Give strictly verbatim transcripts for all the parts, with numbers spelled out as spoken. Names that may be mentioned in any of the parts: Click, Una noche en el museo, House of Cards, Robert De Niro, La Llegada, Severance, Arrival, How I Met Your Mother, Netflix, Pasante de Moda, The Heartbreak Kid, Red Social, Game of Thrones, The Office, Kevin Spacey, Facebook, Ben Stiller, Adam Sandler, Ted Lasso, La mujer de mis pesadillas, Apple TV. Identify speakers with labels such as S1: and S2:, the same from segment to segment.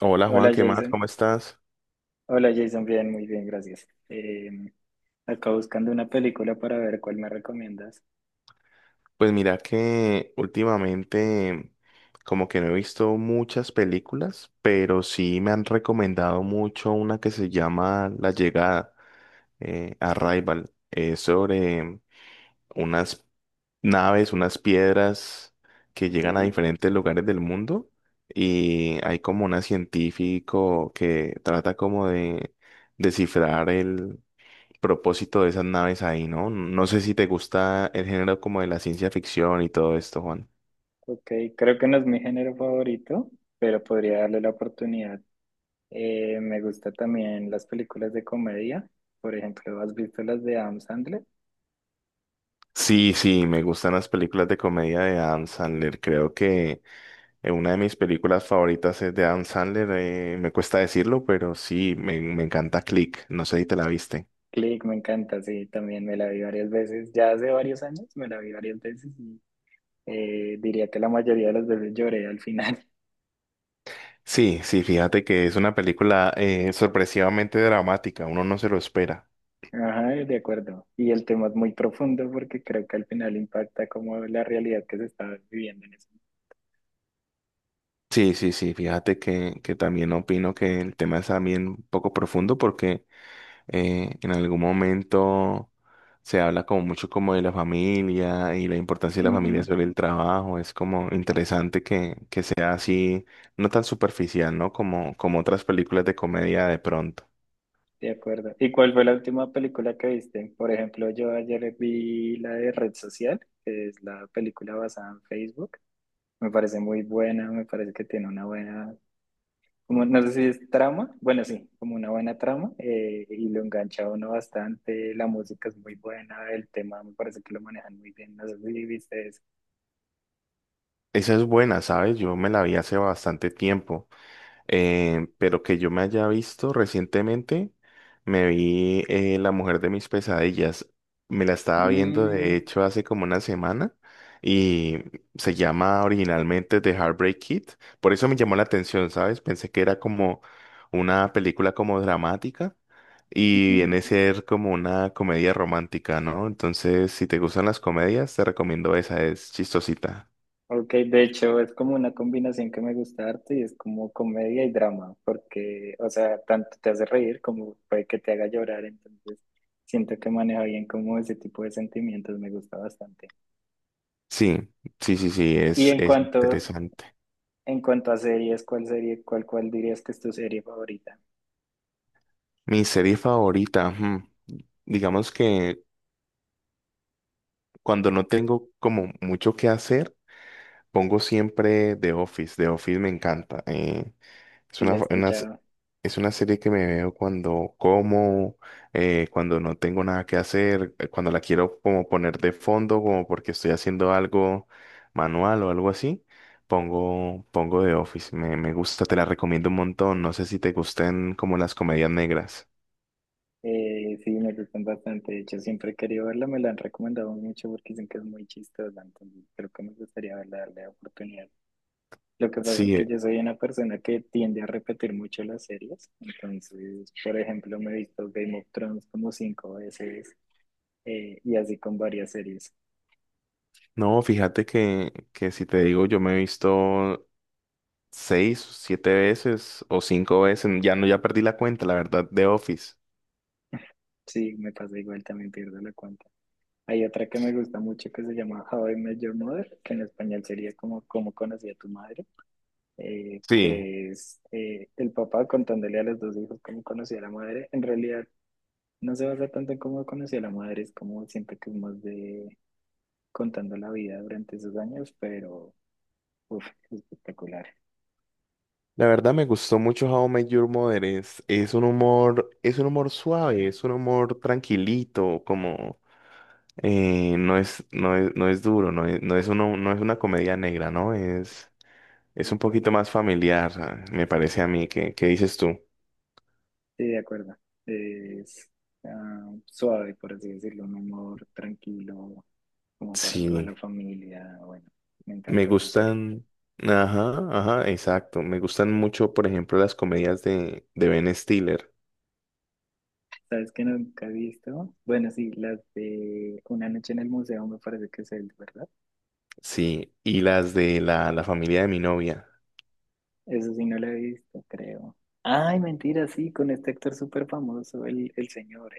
S1: Hola Juan,
S2: Hola
S1: ¿qué más?
S2: Jason,
S1: ¿Cómo estás?
S2: hola Jason, bien, muy bien, gracias. Eh, acá buscando una película para ver cuál me recomiendas.
S1: Pues mira que últimamente como que no he visto muchas películas, pero sí me han recomendado mucho una que se llama La Llegada, eh, Arrival. Es sobre unas naves, unas piedras que
S2: Ok,
S1: llegan a diferentes lugares del mundo y hay como un científico que trata como de descifrar propósito de esas naves ahí, ¿no? No sé si te gusta el género como de la ciencia ficción y todo esto, Juan.
S2: ok, creo que no es mi género favorito, pero podría darle la oportunidad. Eh, me gusta también las películas de comedia, por ejemplo, ¿has visto las de Adam Sandler?
S1: Sí, sí, me gustan las películas de comedia de Adam Sandler. Creo que eh, una de mis películas favoritas es de Adam Sandler. eh, me cuesta decirlo, pero sí, me, me encanta Click. No sé si te la viste.
S2: Click, me encanta, sí, también me la vi varias veces, ya hace varios años me la vi varias veces y eh, diría que la mayoría de las veces lloré al final.
S1: Sí, sí, fíjate que es una película eh, sorpresivamente dramática. Uno no se lo espera.
S2: Ajá, de acuerdo. ¿Y el tema es muy profundo porque creo que al final impacta como la realidad que se está viviendo en eso?
S1: Sí, sí, sí, fíjate que, que también opino que el tema es también un poco profundo porque eh, en algún momento se habla como mucho como de la familia y la importancia de la familia
S2: Ujú,
S1: sobre el trabajo. Es como interesante que, que sea así, no tan superficial, ¿no? Como, como otras películas de comedia de pronto.
S2: de acuerdo. ¿Y cuál fue la última película que viste? Por ejemplo, yo ayer vi la de Red Social, que es la película basada en Facebook. Me parece muy buena, me parece que tiene una buena, como, no sé si es trama, bueno, sí, como una buena trama, eh, y lo engancha a uno bastante, la música es muy buena, el tema me parece que lo manejan muy bien, no sé si viste eso.
S1: Esa es buena, ¿sabes? Yo me la vi hace bastante tiempo. Eh, pero que yo me haya visto recientemente, me vi eh, La mujer de mis pesadillas. Me la estaba viendo, de
S2: Mm,
S1: hecho, hace como una semana y se llama originalmente The Heartbreak Kid. Por eso me llamó la atención, ¿sabes? Pensé que era como una película como dramática y
S2: ujú.
S1: viene a ser como una comedia romántica, ¿no? Entonces, si te gustan las comedias, te recomiendo esa, es chistosita.
S2: Ok, de hecho es como una combinación que me gusta harto y es como comedia y drama, porque, o sea, tanto te hace reír como puede que te haga llorar, entonces siento que maneja bien como ese tipo de sentimientos, me gusta bastante.
S1: Sí, sí, sí, sí,
S2: Y
S1: es,
S2: en
S1: es
S2: cuanto,
S1: interesante.
S2: en cuanto a series, ¿cuál serie, cuál, cuál dirías que es tu serie favorita?
S1: Mi serie favorita, hmm, digamos que cuando no tengo como mucho que hacer, pongo siempre The Office. The Office me encanta. Eh, es
S2: Si la
S1: una,
S2: he
S1: fa- una s-
S2: escuchado,
S1: es una serie que me veo cuando como, eh, cuando no tengo nada que hacer, eh, cuando la quiero como poner de fondo, como porque estoy haciendo algo manual o algo así. Pongo, pongo The Office. Me, me gusta, te la recomiendo un montón. No sé si te gusten como las comedias negras.
S2: eh, sí, me gustan bastante, de hecho siempre he querido verla, me la han recomendado mucho porque dicen que es muy chistosa, entonces creo que me gustaría verla, darle oportunidad. Lo que pasa es
S1: Sí,
S2: que yo soy una persona que tiende a repetir mucho las series. Entonces, por ejemplo, me he visto Game of Thrones como cinco veces eh, y así con varias series.
S1: no, fíjate que, que si te digo, yo me he visto seis, siete veces o cinco veces, ya no, ya perdí la cuenta, la verdad, de Office.
S2: Sí, me pasa igual, también pierdo la cuenta. Hay otra que me gusta mucho que se llama How I Met Your Mother, que en español sería como Cómo conocí a tu madre, eh,
S1: Sí,
S2: que es eh, el papá contándole a los dos hijos cómo conocí a la madre. En realidad, no se basa tanto en cómo conocí a la madre, es como siento que es más de contando la vida durante esos años, pero Uf, espectacular.
S1: la verdad me gustó mucho How I Met Your Mother. Es, es un humor, es un humor suave, es un humor tranquilito, como eh, no es, no es, no es duro, no es, no es uno- no es una comedia negra, ¿no? Es, es
S2: De
S1: un poquito
S2: acuerdo.
S1: más familiar, ah, me parece a mí. ¿Qué, qué dices tú?
S2: Sí, de acuerdo. Es ah, suave, por así decirlo, un humor tranquilo, como para toda la
S1: Sí.
S2: familia. Bueno, me
S1: Me
S2: encanta esa serie.
S1: gustan, ajá, ajá, exacto. Me gustan mucho, por ejemplo, las comedias de, de Ben Stiller,
S2: ¿Sabes qué nunca he visto? Bueno, sí, las de Una noche en el museo me parece que es el, ¿verdad?
S1: sí, y las de la, la familia de mi novia,
S2: Eso sí no lo he visto, creo. Ay, mentira, sí, con este actor súper famoso, el, el señor.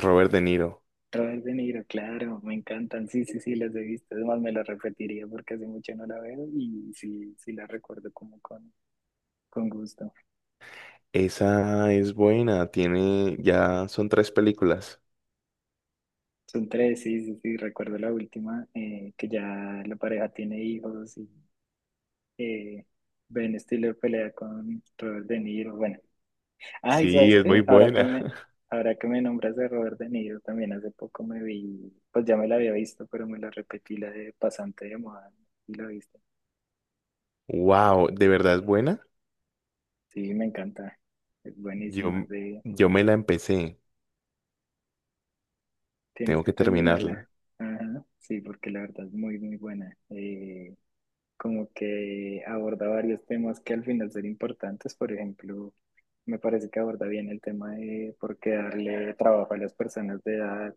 S1: Robert De Niro.
S2: Robert De Niro, claro, me encantan, sí, sí, sí, las he visto, además me las repetiría porque hace mucho no la veo y sí, sí la recuerdo como con, con gusto.
S1: Esa es buena, tiene, ya son tres películas.
S2: Son tres, sí, sí, sí, recuerdo la última, eh, que ya la pareja tiene hijos y eh, Ben Stiller pelea con Robert De Niro, bueno. Ay,
S1: Sí,
S2: ¿sabes
S1: es muy
S2: qué? Ahora que
S1: buena.
S2: me, ahora que me nombras de Robert De Niro, también hace poco me vi, pues ya me la había visto, pero me la repetí, la de Pasante de Moda, y la viste.
S1: Wow, ¿de verdad es buena?
S2: Sí, me encanta. Es
S1: Yo,
S2: buenísima.
S1: m- yo me la empecé,
S2: Tienes
S1: tengo
S2: que
S1: que terminarla.
S2: terminarla. Ajá, sí, porque la verdad es muy, muy buena. Eh, como que aborda varios temas que al final son importantes. Por ejemplo, me parece que aborda bien el tema de por qué darle trabajo a las personas de edad,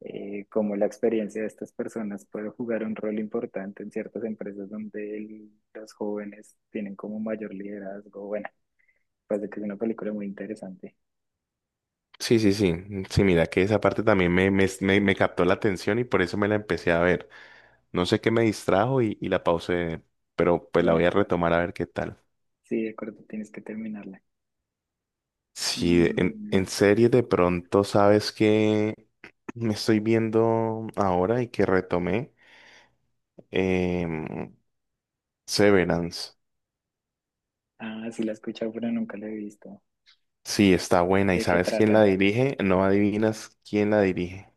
S2: eh, cómo la experiencia de estas personas puede jugar un rol importante en ciertas empresas donde el- los jóvenes tienen como mayor liderazgo. Bueno, parece que es una película muy interesante.
S1: Sí, sí, sí, sí, mira que esa parte también me, me, me me captó la atención y por eso me la empecé a ver. No sé qué me distrajo y, y la pausé, pero pues la voy
S2: Bueno,
S1: a retomar a ver qué tal.
S2: sí, de acuerdo, tienes que terminarla.
S1: Sí, de- en,
S2: Mm.
S1: en serie de pronto, ¿sabes? Que Me estoy viendo ahora y que retomé, Em, Severance.
S2: Ah, sí la he escuchado, pero nunca la he visto.
S1: Sí, está buena. ¿Y
S2: ¿De qué
S1: sabes quién la
S2: trata?
S1: dirige? No adivinas quién la dirige.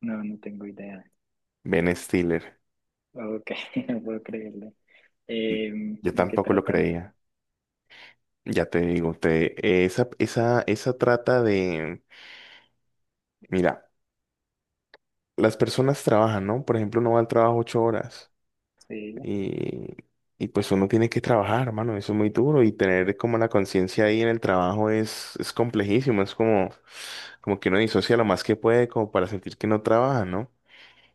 S2: No, no tengo idea.
S1: Ben Stiller.
S2: Ok, no puedo creerle. Em,
S1: Yo
S2: ¿de qué
S1: tampoco lo
S2: trata?
S1: creía. Ya te digo, te, esa, esa, esa trata de, mira, las personas trabajan, ¿no? Por ejemplo, no va al trabajo ocho horas.
S2: Sí,
S1: Y, y pues uno tiene que trabajar, hermano, eso es muy duro y tener como la conciencia ahí en el trabajo es, es complejísimo, es como, como que uno disocia lo más que puede como para sentir que no trabaja, ¿no?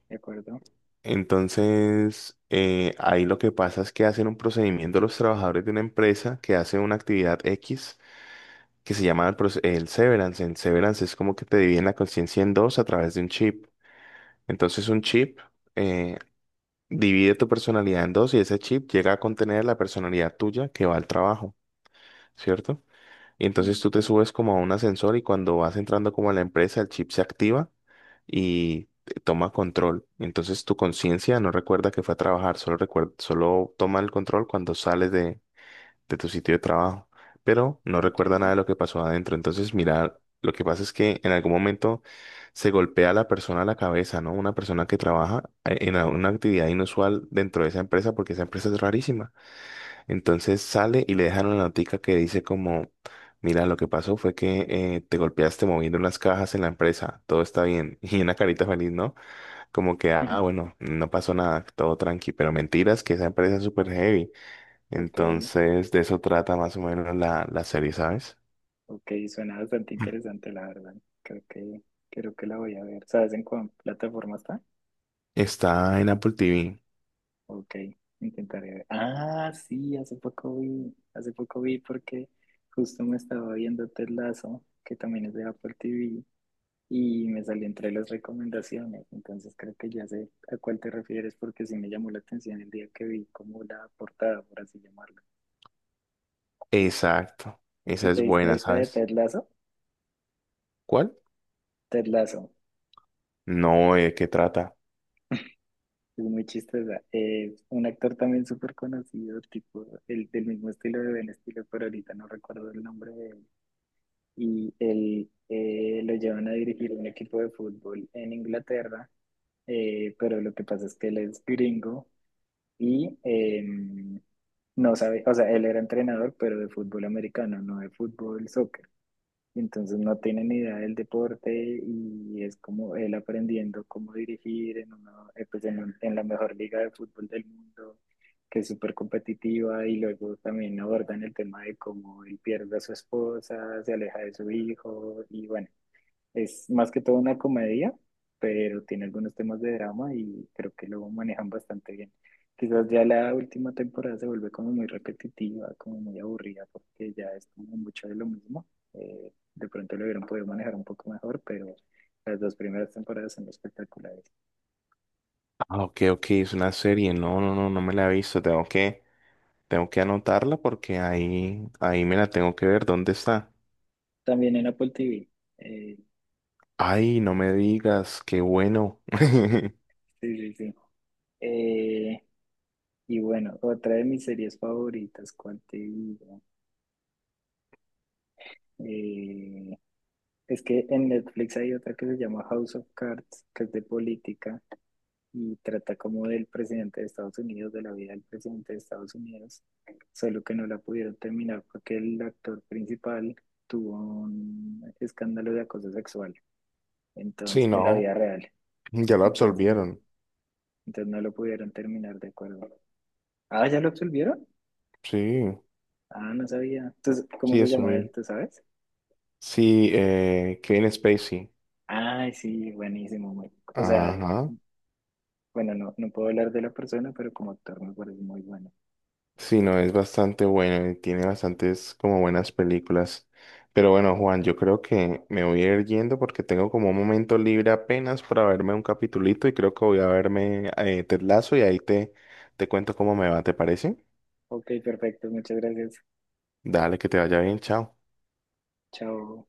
S2: de acuerdo.
S1: Entonces, eh, ahí lo que pasa es que hacen un procedimiento los trabajadores de una empresa que hace una actividad X que se llama el, proce- el severance. El severance es como que te dividen la conciencia en dos a través de un chip. Entonces, un chip, eh, divide tu personalidad en dos y ese chip llega a contener la personalidad tuya que va al trabajo, ¿cierto? Y entonces
S2: Mm.
S1: tú te subes como a un ascensor y cuando vas entrando como a la empresa, el chip se activa y te toma control. Entonces tu conciencia no recuerda que fue a trabajar, solo recuerda, solo toma el control cuando sales de, de tu sitio de trabajo, pero no
S2: Ok,
S1: recuerda nada de lo que pasó adentro. Entonces, mira, lo que pasa es que en algún momento se golpea a la persona a la cabeza, ¿no? Una persona que trabaja eh, en una actividad inusual dentro de esa empresa, porque esa empresa es rarísima. Entonces sale y le dejan una notica que dice como, mira, lo que pasó fue que eh, te golpeaste moviendo las cajas en la empresa, todo está bien. Y una carita feliz, ¿no? Como que, ah, bueno, no pasó nada, todo tranqui, pero mentiras que esa empresa es súper heavy.
S2: ok,
S1: Entonces, de eso trata más o menos la, la serie, ¿sabes?
S2: ok, suena bastante interesante, la verdad. Creo que, creo que la voy a ver. ¿Sabes en cuál plataforma está?
S1: Está en Apple T V.
S2: Ok, intentaré ver. Ah, sí, hace poco vi, hace poco vi porque justo me estaba viendo Ted Lasso, que también es de Apple T V, y me salió entre las recomendaciones. Entonces creo que ya sé a cuál te refieres porque sí me llamó la atención el día que vi como la portada, por así llamarlo.
S1: Exacto.
S2: ¿Y
S1: Esa
S2: te
S1: es
S2: diste
S1: buena,
S2: esta de
S1: ¿sabes?
S2: Ted Lasso?
S1: ¿Cuál?
S2: Ted Lasso.
S1: No, ¿de qué trata?
S2: Es muy chistosa. Es un actor también súper conocido, tipo, el del mismo estilo de Ben Stiller, pero ahorita no recuerdo el nombre de él. Y él eh, lo llevan a dirigir un equipo de fútbol en Inglaterra, eh, pero lo que pasa es que él es gringo y eh, no sabe, o sea, él era entrenador, pero de fútbol americano, no de fútbol soccer. Entonces no tiene ni idea del deporte y es como él aprendiendo cómo dirigir en, una, eh, pues en, un- en la mejor liga de fútbol del mundo, que es súper competitiva y luego también abordan el tema de cómo él pierde a su esposa, se aleja de su hijo y bueno, es más que todo una comedia, pero tiene algunos temas de drama y creo que lo manejan bastante bien. Quizás ya la última temporada se vuelve como muy repetitiva, como muy aburrida, porque ya es como mucho de lo mismo. Eh, de pronto lo hubieran podido manejar un poco mejor, pero las dos primeras temporadas son espectaculares.
S1: Ah, ok, ok, es una serie. No, no, no, no me la he visto. Tengo que, tengo que anotarla porque ahí, ahí me la tengo que ver. ¿Dónde está?
S2: También en Apple T V. eh,
S1: Ay, no me digas, qué bueno.
S2: sí, sí, sí. Eh, y bueno, otra de mis series favoritas, ¿cuál te digo? Eh, Es que en Netflix hay otra que se llama House of Cards, que es de política y trata como del presidente de Estados Unidos, de la vida del presidente de Estados Unidos, solo que no la pudieron terminar porque el actor principal tuvo un escándalo de acoso sexual,
S1: Sí,
S2: entonces, en la
S1: no,
S2: vida real.
S1: ya lo
S2: Entonces,
S1: absolvieron.
S2: entonces no lo pudieron terminar de acuerdo. Ah, ¿ya lo absolvieron?
S1: Sí,
S2: Ah, no sabía. Entonces, ¿cómo
S1: sí,
S2: se
S1: eso
S2: llama él?
S1: vi.
S2: ¿Tú sabes?
S1: Sí, eh, Kevin Spacey.
S2: Ay, sí, buenísimo. muy- O sea,
S1: Ajá.
S2: bueno, no, no puedo hablar de la persona, pero como actor me parece muy bueno.
S1: Sí, no, es bastante bueno y tiene bastantes como buenas películas. Pero bueno, Juan, yo creo que me voy a ir yendo porque tengo como un momento libre apenas para verme un capitulito y creo que voy a verme eh, Ted Lasso y ahí te, te cuento cómo me va, ¿te parece?
S2: Ok, perfecto. Muchas gracias.
S1: Dale, que te vaya bien, chao.
S2: Chao.